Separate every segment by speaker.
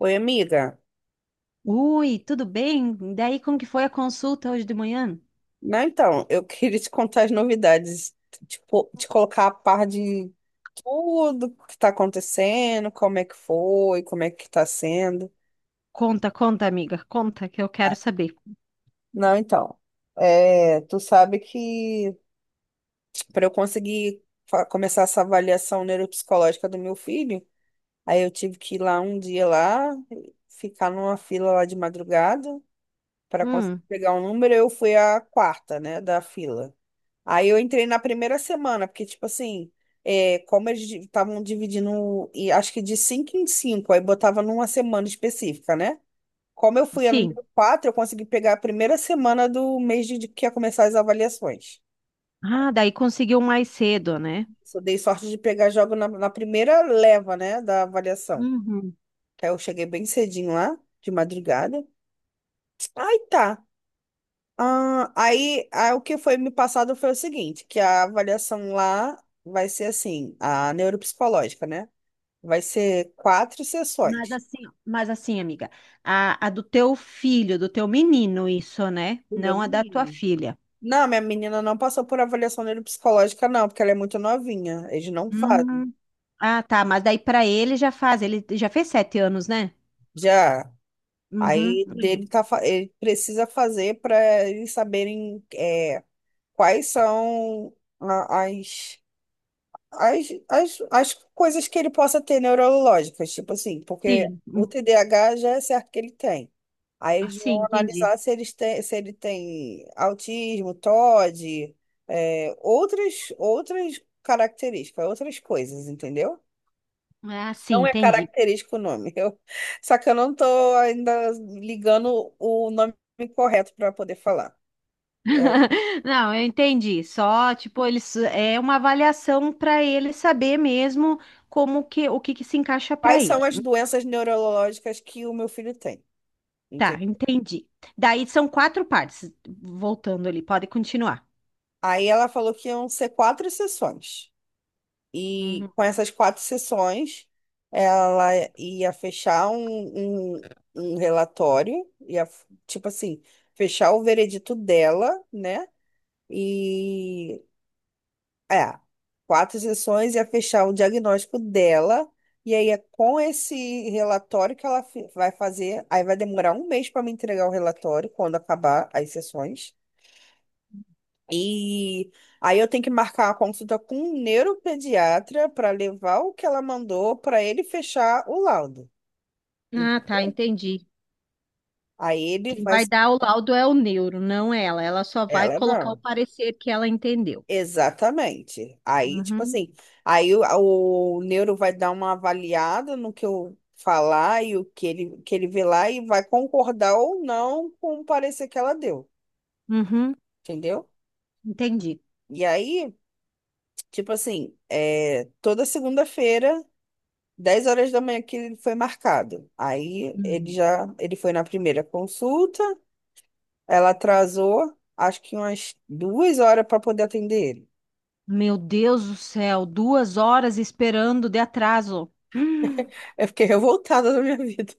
Speaker 1: Oi, amiga.
Speaker 2: Ui, tudo bem? Daí como que foi a consulta hoje de manhã?
Speaker 1: Não, então, eu queria te contar as novidades, te colocar a par de tudo que está acontecendo, como é que foi, como é que está sendo.
Speaker 2: Conta, conta, amiga, conta que eu quero
Speaker 1: Ah,
Speaker 2: saber.
Speaker 1: não, então, é, tu sabe que para eu conseguir começar essa avaliação neuropsicológica do meu filho, aí eu tive que ir lá um dia lá, ficar numa fila lá de madrugada para conseguir
Speaker 2: Hum,
Speaker 1: pegar um número, eu fui a quarta, né, da fila. Aí eu entrei na primeira semana, porque, tipo assim, é, como eles estavam dividindo, e acho que de cinco em cinco, aí botava numa semana específica, né? Como eu fui a
Speaker 2: sim.
Speaker 1: número 4, eu consegui pegar a primeira semana do mês de que ia começar as avaliações.
Speaker 2: Ah, daí conseguiu mais cedo, né?
Speaker 1: Só dei sorte de pegar jogo na primeira leva, né, da avaliação.
Speaker 2: Uhum.
Speaker 1: Aí eu cheguei bem cedinho lá, de madrugada. Aí tá. Ah, aí o que foi me passado foi o seguinte, que a avaliação lá vai ser assim, a neuropsicológica, né? Vai ser quatro
Speaker 2: Mas
Speaker 1: sessões.
Speaker 2: assim, mas assim, amiga, a do teu filho, do teu menino, isso, né?
Speaker 1: Do meu
Speaker 2: Não a da tua
Speaker 1: menino.
Speaker 2: filha.
Speaker 1: Não, minha menina não passou por avaliação neuropsicológica, não, porque ela é muito novinha. Eles não fazem.
Speaker 2: Hum. Ah, tá, mas daí pra ele já faz, ele já fez sete anos, né?
Speaker 1: Já.
Speaker 2: Uhum.
Speaker 1: Aí dele tá, ele precisa fazer para eles saberem é, quais são a- as as coisas que ele possa ter neurológicas, tipo assim, porque
Speaker 2: Sim, hum,
Speaker 1: o
Speaker 2: sim,
Speaker 1: TDAH já é certo que ele tem. Aí eles
Speaker 2: assim,
Speaker 1: vão
Speaker 2: entendi.
Speaker 1: analisar se ele tem autismo, TOD, é, outras características, outras coisas, entendeu?
Speaker 2: Ah, sim,
Speaker 1: Não é
Speaker 2: entendi.
Speaker 1: característico o nome. Só que eu não tô ainda ligando o nome correto para poder falar. É,
Speaker 2: Não, eu entendi. Só, tipo, eles é uma avaliação para ele saber mesmo como que o que se encaixa para
Speaker 1: quais são
Speaker 2: ele.
Speaker 1: as doenças neurológicas que o meu filho tem?
Speaker 2: Tá, entendi. Daí são quatro partes. Voltando ali, pode continuar.
Speaker 1: Aí ela falou que iam ser quatro sessões. E
Speaker 2: Uhum.
Speaker 1: com essas quatro sessões, ela ia fechar um relatório, ia, tipo assim, fechar o veredito dela, né? E é, quatro sessões ia fechar o diagnóstico dela. E aí é com esse relatório que ela vai fazer. Aí vai demorar um mês para me entregar o relatório quando acabar as sessões. E aí eu tenho que marcar a consulta com um neuropediatra para levar o que ela mandou para ele fechar o laudo,
Speaker 2: Ah, tá,
Speaker 1: entendeu?
Speaker 2: entendi.
Speaker 1: Aí ele
Speaker 2: Quem vai
Speaker 1: faz,
Speaker 2: dar o laudo é o neuro, não ela. Ela só vai
Speaker 1: ela
Speaker 2: colocar o
Speaker 1: não.
Speaker 2: parecer que ela entendeu.
Speaker 1: Exatamente. Aí, tipo
Speaker 2: Uhum.
Speaker 1: assim, aí o neuro vai dar uma avaliada no que eu falar e que ele vê lá e vai concordar ou não com o parecer que ela deu,
Speaker 2: Uhum.
Speaker 1: entendeu?
Speaker 2: Entendi.
Speaker 1: E aí, tipo assim, é, toda segunda-feira. 10 horas da manhã que ele foi marcado. Aí
Speaker 2: Uhum.
Speaker 1: ele foi na primeira consulta, ela atrasou, acho que umas 2 horas para poder atender ele.
Speaker 2: Meu Deus do céu, duas horas esperando de atraso.
Speaker 1: Eu fiquei revoltada na minha vida.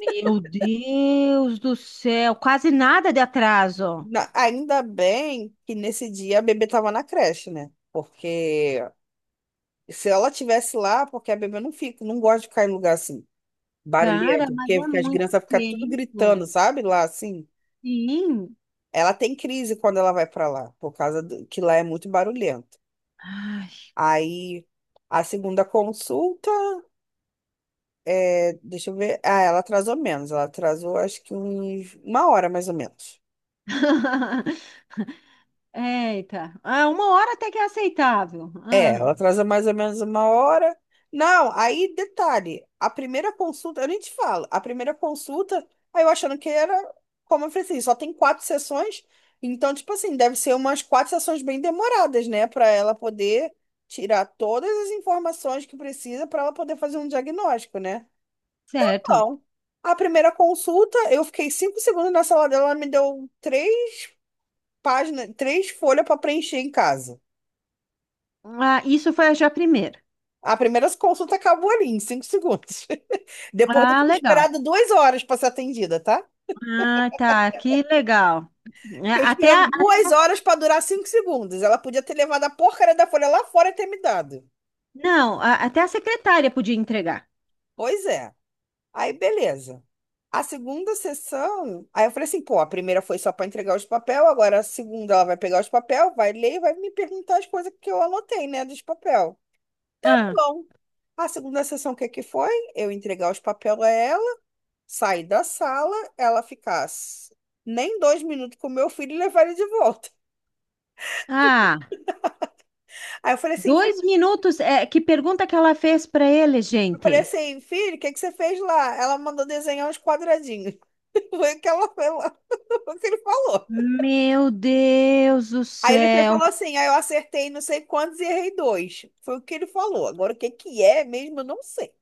Speaker 2: Meu Deus do céu, quase nada de atraso.
Speaker 1: Ainda bem que nesse dia a bebê tava na creche, né? Porque se ela tivesse lá, porque a bebê não fica, não gosta de ficar em lugar assim,
Speaker 2: Cara,
Speaker 1: barulhento,
Speaker 2: mas
Speaker 1: porque
Speaker 2: é
Speaker 1: as
Speaker 2: muito
Speaker 1: crianças ficam tudo gritando,
Speaker 2: tempo.
Speaker 1: sabe? Lá assim.
Speaker 2: Sim.
Speaker 1: Ela tem crise quando ela vai para lá, por causa que lá é muito barulhento.
Speaker 2: Ai.
Speaker 1: Aí a segunda consulta, é, deixa eu ver. Ah, ela atrasou menos. Ela atrasou acho que uma hora mais ou menos.
Speaker 2: Eita. Ah, uma hora até que é aceitável.
Speaker 1: É,
Speaker 2: Ah,
Speaker 1: ela atrasou mais ou menos uma hora. Não, aí detalhe, a primeira consulta, eu nem te falo, a primeira consulta, aí eu achando que era, como eu falei assim, só tem quatro sessões, então, tipo assim, deve ser umas quatro sessões bem demoradas, né, para ela poder tirar todas as informações que precisa para ela poder fazer um diagnóstico, né?
Speaker 2: certo.
Speaker 1: Então, a primeira consulta, eu fiquei 5 segundos na sala dela, ela me deu três páginas, três folhas para preencher em casa.
Speaker 2: Ah, isso foi já primeiro.
Speaker 1: A primeira consulta acabou ali, em 5 segundos. Depois de
Speaker 2: Ah,
Speaker 1: ter
Speaker 2: legal.
Speaker 1: esperado 2 horas para ser atendida, tá?
Speaker 2: Ah, tá. Que legal. É,
Speaker 1: Fiquei
Speaker 2: Até a,
Speaker 1: esperando duas
Speaker 2: até-
Speaker 1: horas para durar 5 segundos. Ela podia ter levado a porcaria da folha lá fora e ter me dado.
Speaker 2: não, até a secretária podia entregar.
Speaker 1: Pois é. Aí, beleza. A segunda sessão, aí eu falei assim, pô, a primeira foi só para entregar os papel, agora a segunda ela vai pegar os papel, vai ler e vai me perguntar as coisas que eu anotei, né, dos papel. Tá
Speaker 2: Ah,
Speaker 1: bom, a segunda sessão, o que que foi? Eu entregar os papel a ela, sair da sala, ela ficasse nem 2 minutos com o meu filho e levar ele de volta.
Speaker 2: ah,
Speaker 1: Aí eu falei assim, filho,
Speaker 2: dois minutos. É, que pergunta que ela fez para ele,
Speaker 1: eu falei
Speaker 2: gente?
Speaker 1: assim, filho, o que que você fez lá? Ela mandou desenhar uns quadradinhos. Foi o que ela, foi lá, o que ele falou.
Speaker 2: Meu Deus do
Speaker 1: Aí ele foi e
Speaker 2: céu,
Speaker 1: falou assim, aí eu acertei não sei quantos e errei dois. Foi o que ele falou. Agora o que que é mesmo, eu não sei.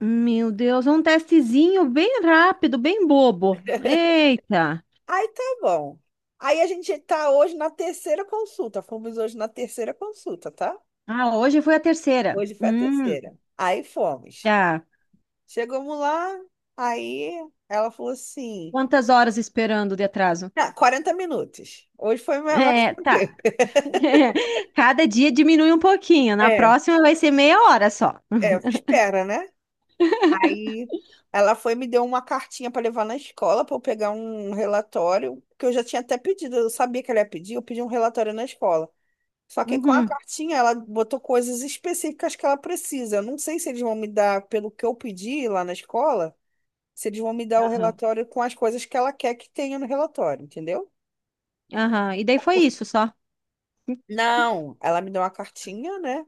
Speaker 2: meu Deus, é um testezinho bem rápido, bem bobo. Eita!
Speaker 1: Aí tá bom. Aí a gente tá hoje na terceira consulta. Fomos hoje na terceira consulta, tá?
Speaker 2: Ah, hoje foi a terceira.
Speaker 1: Hoje foi a terceira. Aí fomos.
Speaker 2: Tá.
Speaker 1: Chegamos lá, aí ela falou assim,
Speaker 2: Quantas horas esperando de atraso?
Speaker 1: ah, 40 minutos. Hoje foi mais
Speaker 2: É, tá.
Speaker 1: tranquilo.
Speaker 2: Cada dia diminui um pouquinho. Na
Speaker 1: É,
Speaker 2: próxima vai ser meia hora só.
Speaker 1: é, espera, né? Aí ela foi e me deu uma cartinha para levar na escola para eu pegar um relatório, que eu já tinha até pedido, eu sabia que ela ia pedir, eu pedi um relatório na escola. Só que com a
Speaker 2: Uhum.
Speaker 1: cartinha ela botou coisas específicas que ela precisa. Eu não sei se eles vão me dar, pelo que eu pedi lá na escola, se eles vão me dar o
Speaker 2: Aham.
Speaker 1: relatório com as coisas que ela quer que tenha no relatório, entendeu?
Speaker 2: Aham. E daí foi isso só.
Speaker 1: Não, ela me deu uma cartinha, né?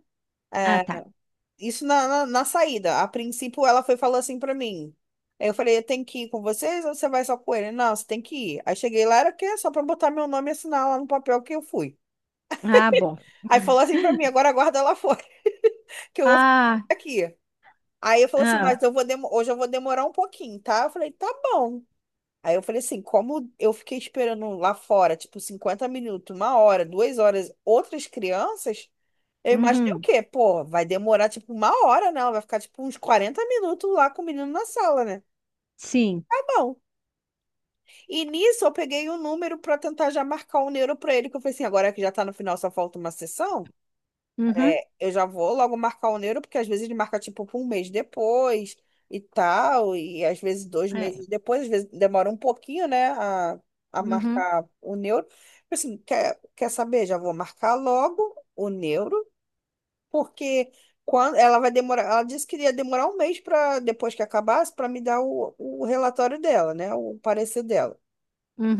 Speaker 2: Ah,
Speaker 1: É,
Speaker 2: tá.
Speaker 1: isso na saída. A princípio, ela foi falou assim pra mim. Aí eu falei, eu tenho que ir com vocês ou você vai só com ele? Não, você tem que ir. Aí cheguei lá, era o quê? Só pra botar meu nome e assinar lá no papel que eu fui.
Speaker 2: Ah, bom.
Speaker 1: Aí falou assim pra mim, agora aguarda ela fora, que eu vou ficar
Speaker 2: Ah,
Speaker 1: aqui. Aí eu falei assim,
Speaker 2: ah.
Speaker 1: mas hoje eu vou demorar um pouquinho, tá? Eu falei, tá bom. Aí eu falei assim, como eu fiquei esperando lá fora, tipo, 50 minutos, uma hora, duas horas, outras crianças, eu imaginei o
Speaker 2: Uhum.
Speaker 1: quê? Pô, vai demorar tipo uma hora, não. Vai ficar tipo uns 40 minutos lá com o menino na sala, né?
Speaker 2: Sim.
Speaker 1: Tá bom. E nisso eu peguei um número pra tentar já marcar um neuro pra ele, que eu falei assim, agora que já tá no final, só falta uma sessão,
Speaker 2: Uhum.
Speaker 1: é, eu já vou logo marcar o neuro, porque às vezes ele marca tipo um mês depois e tal, e às vezes dois
Speaker 2: É.
Speaker 1: meses depois, às vezes demora um pouquinho, né, a
Speaker 2: Uhum.
Speaker 1: marcar o neuro. Eu falei assim, quer saber? Já vou marcar logo o neuro porque quando ela vai demorar, ela disse que ia demorar um mês para depois que acabasse para me dar o relatório dela, né, o parecer dela.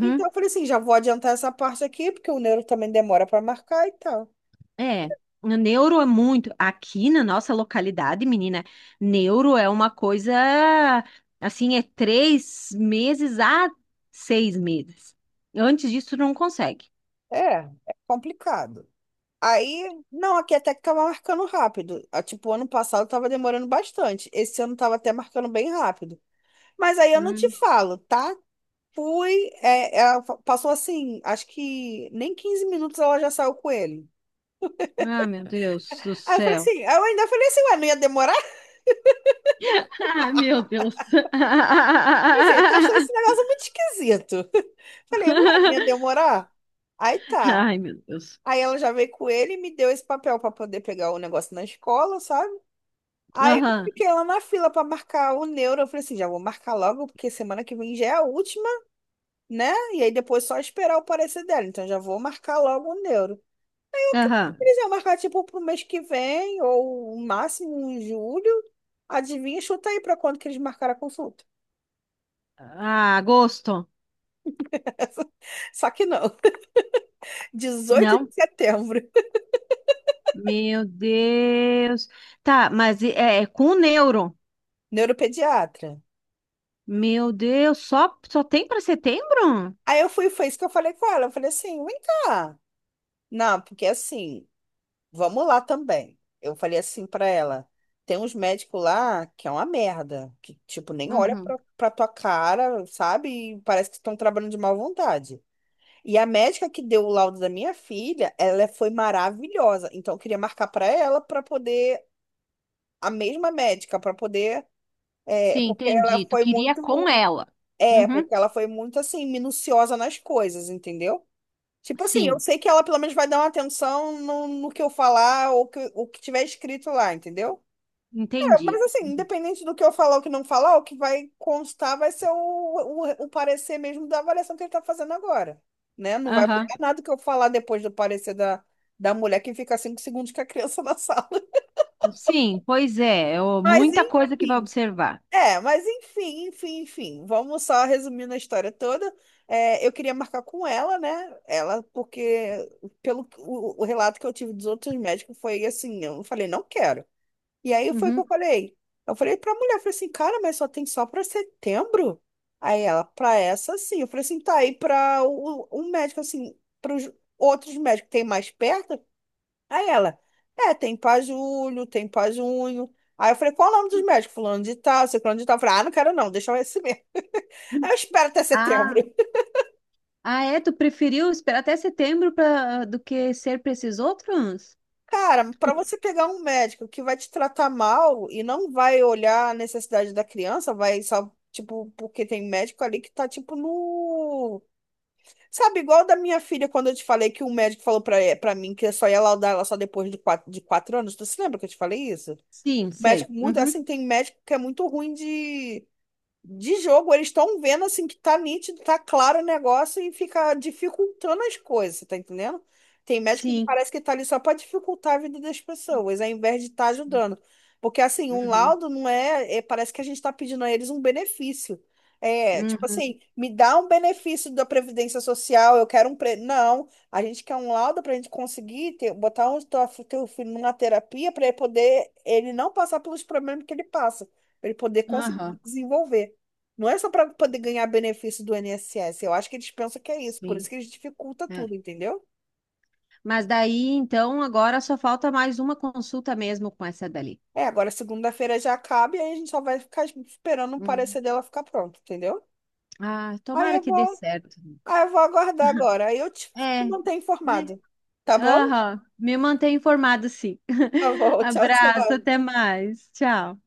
Speaker 1: Então eu falei assim, já vou adiantar essa parte aqui, porque o neuro também demora para marcar e tal.
Speaker 2: É, neuro é muito. Aqui na nossa localidade, menina, neuro é uma coisa assim, é três meses a seis meses. Antes disso, tu não consegue.
Speaker 1: É, é complicado. Aí, não, aqui até que tava marcando rápido. Ah, tipo, ano passado tava demorando bastante. Esse ano tava até marcando bem rápido. Mas aí eu não te
Speaker 2: Hum.
Speaker 1: falo, tá? Passou assim, acho que nem 15 minutos ela já saiu com ele.
Speaker 2: Ah, meu Deus do
Speaker 1: Aí eu falei
Speaker 2: céu.
Speaker 1: assim, eu ainda falei assim, ué, não ia demorar?
Speaker 2: Ah, meu Deus.
Speaker 1: Eu falei assim, tô achando esse negócio muito esquisito. Falei, não é, não ia demorar? Aí tá.
Speaker 2: Ai, meu Deus.
Speaker 1: Aí ela já veio com ele e me deu esse papel pra poder pegar o negócio na escola, sabe? Aí eu
Speaker 2: Aham,
Speaker 1: fiquei lá na fila pra marcar o neuro. Eu falei assim, já vou marcar logo, porque semana que vem já é a última, né? E aí depois só esperar o parecer dela. Então já vou marcar logo o neuro.
Speaker 2: aham.
Speaker 1: Eles iam marcar tipo pro mês que vem, ou o máximo em julho. Adivinha, chuta aí pra quando que eles marcaram a consulta.
Speaker 2: Ah, agosto?
Speaker 1: Só que não. dezoito
Speaker 2: Não?
Speaker 1: de setembro,
Speaker 2: Meu Deus. Tá, mas é com neuro.
Speaker 1: neuropediatra.
Speaker 2: Meu Deus, só, só tem para setembro?
Speaker 1: Aí eu fui, foi isso que eu falei com ela. Eu falei assim, vem cá. Não, porque assim, vamos lá também. Eu falei assim pra ela, tem uns médicos lá que é uma merda, que tipo nem olha
Speaker 2: Uhum.
Speaker 1: pra tua cara, sabe? E parece que estão trabalhando de má vontade. E a médica que deu o laudo da minha filha, ela foi maravilhosa. Então eu queria marcar pra ela pra poder a mesma médica pra poder é,
Speaker 2: Sim,
Speaker 1: porque ela
Speaker 2: entendi. Tu
Speaker 1: foi
Speaker 2: queria
Speaker 1: muito.
Speaker 2: com ela.
Speaker 1: É,
Speaker 2: Uhum.
Speaker 1: porque ela foi muito assim, minuciosa nas coisas, entendeu? Tipo assim, eu
Speaker 2: Sim,
Speaker 1: sei que ela pelo menos vai dar uma atenção no que eu falar ou o que tiver escrito lá, entendeu? É, mas
Speaker 2: entendi.
Speaker 1: assim, independente do que eu falar ou que não falar, o que vai constar vai ser o parecer mesmo da avaliação que ele tá fazendo agora, né? Não vai
Speaker 2: Aham.
Speaker 1: mudar nada que eu falar depois do parecer da mulher que fica 5 segundos com a criança na sala.
Speaker 2: Sim, pois é, eu-
Speaker 1: Mas
Speaker 2: muita coisa que vai
Speaker 1: enfim.
Speaker 2: observar.
Speaker 1: É, mas enfim, enfim, enfim. Vamos só resumindo a história toda. É, eu queria marcar com ela, né? Porque pelo o relato que eu tive dos outros médicos foi assim, eu falei, não quero. E aí foi o que
Speaker 2: Uhum.
Speaker 1: eu falei. Eu falei pra mulher, eu falei assim, cara, mas só tem só pra setembro? Aí ela, pra essa sim. Eu falei assim, tá aí pra o um médico, assim, pros outros médicos que tem mais perto? Aí tem pra julho, tem pra junho. Aí eu falei, qual o nome dos médicos? Fulano de tal, ciclano de tal. Eu falei, ah, não quero não, deixa eu esse mesmo. Aí eu espero até setembro.
Speaker 2: Ah, ah, é? Tu preferiu esperar até setembro pra, do que ser para esses outros?
Speaker 1: Cara, para você pegar um médico que vai te tratar mal e não vai olhar a necessidade da criança, vai só, tipo, porque tem médico ali que tá, tipo, no... Sabe, igual da minha filha, quando eu te falei que o médico falou pra mim que eu só ia laudar ela só depois de 4 anos. Tu se lembra que eu te falei isso?
Speaker 2: Sim, sei.
Speaker 1: Médico muito,
Speaker 2: Uhum.
Speaker 1: assim, tem médico que é muito ruim de jogo, eles estão vendo assim que tá nítido, tá claro o negócio e fica dificultando as coisas, você tá entendendo? Tem médico que
Speaker 2: Sim.
Speaker 1: parece que tá ali só para dificultar a vida das pessoas, ao invés de estar
Speaker 2: Sim.
Speaker 1: ajudando. Porque assim, um
Speaker 2: Uhum.
Speaker 1: laudo não é, parece que a gente tá pedindo a eles um benefício. É, tipo
Speaker 2: Uhum.
Speaker 1: assim, me dá um benefício da Previdência Social, eu quero. Não, a gente quer um laudo para a gente conseguir botar o teu filho numa terapia para ele poder, ele não passar pelos problemas que ele passa, para ele poder conseguir se
Speaker 2: Aham.
Speaker 1: desenvolver. Não é só para poder ganhar benefício do INSS. Eu acho que eles pensam que é isso. Por isso
Speaker 2: Sim.
Speaker 1: que eles dificulta tudo,
Speaker 2: É.
Speaker 1: entendeu?
Speaker 2: Mas daí, então, agora só falta mais uma consulta mesmo com essa dali.
Speaker 1: É, agora segunda-feira já acaba e aí a gente só vai ficar esperando o
Speaker 2: Hum.
Speaker 1: parecer dela ficar pronto, entendeu?
Speaker 2: Ah,
Speaker 1: Aí
Speaker 2: tomara
Speaker 1: eu
Speaker 2: que dê
Speaker 1: vou,
Speaker 2: certo.
Speaker 1: aí eu vou aguardar agora. Aí eu
Speaker 2: É,
Speaker 1: te mantenho
Speaker 2: né?
Speaker 1: informado. Tá bom?
Speaker 2: Aham, me mantenha informado, sim.
Speaker 1: Tá bom. Tchau,
Speaker 2: Abraço,
Speaker 1: tchau.
Speaker 2: até mais. Tchau.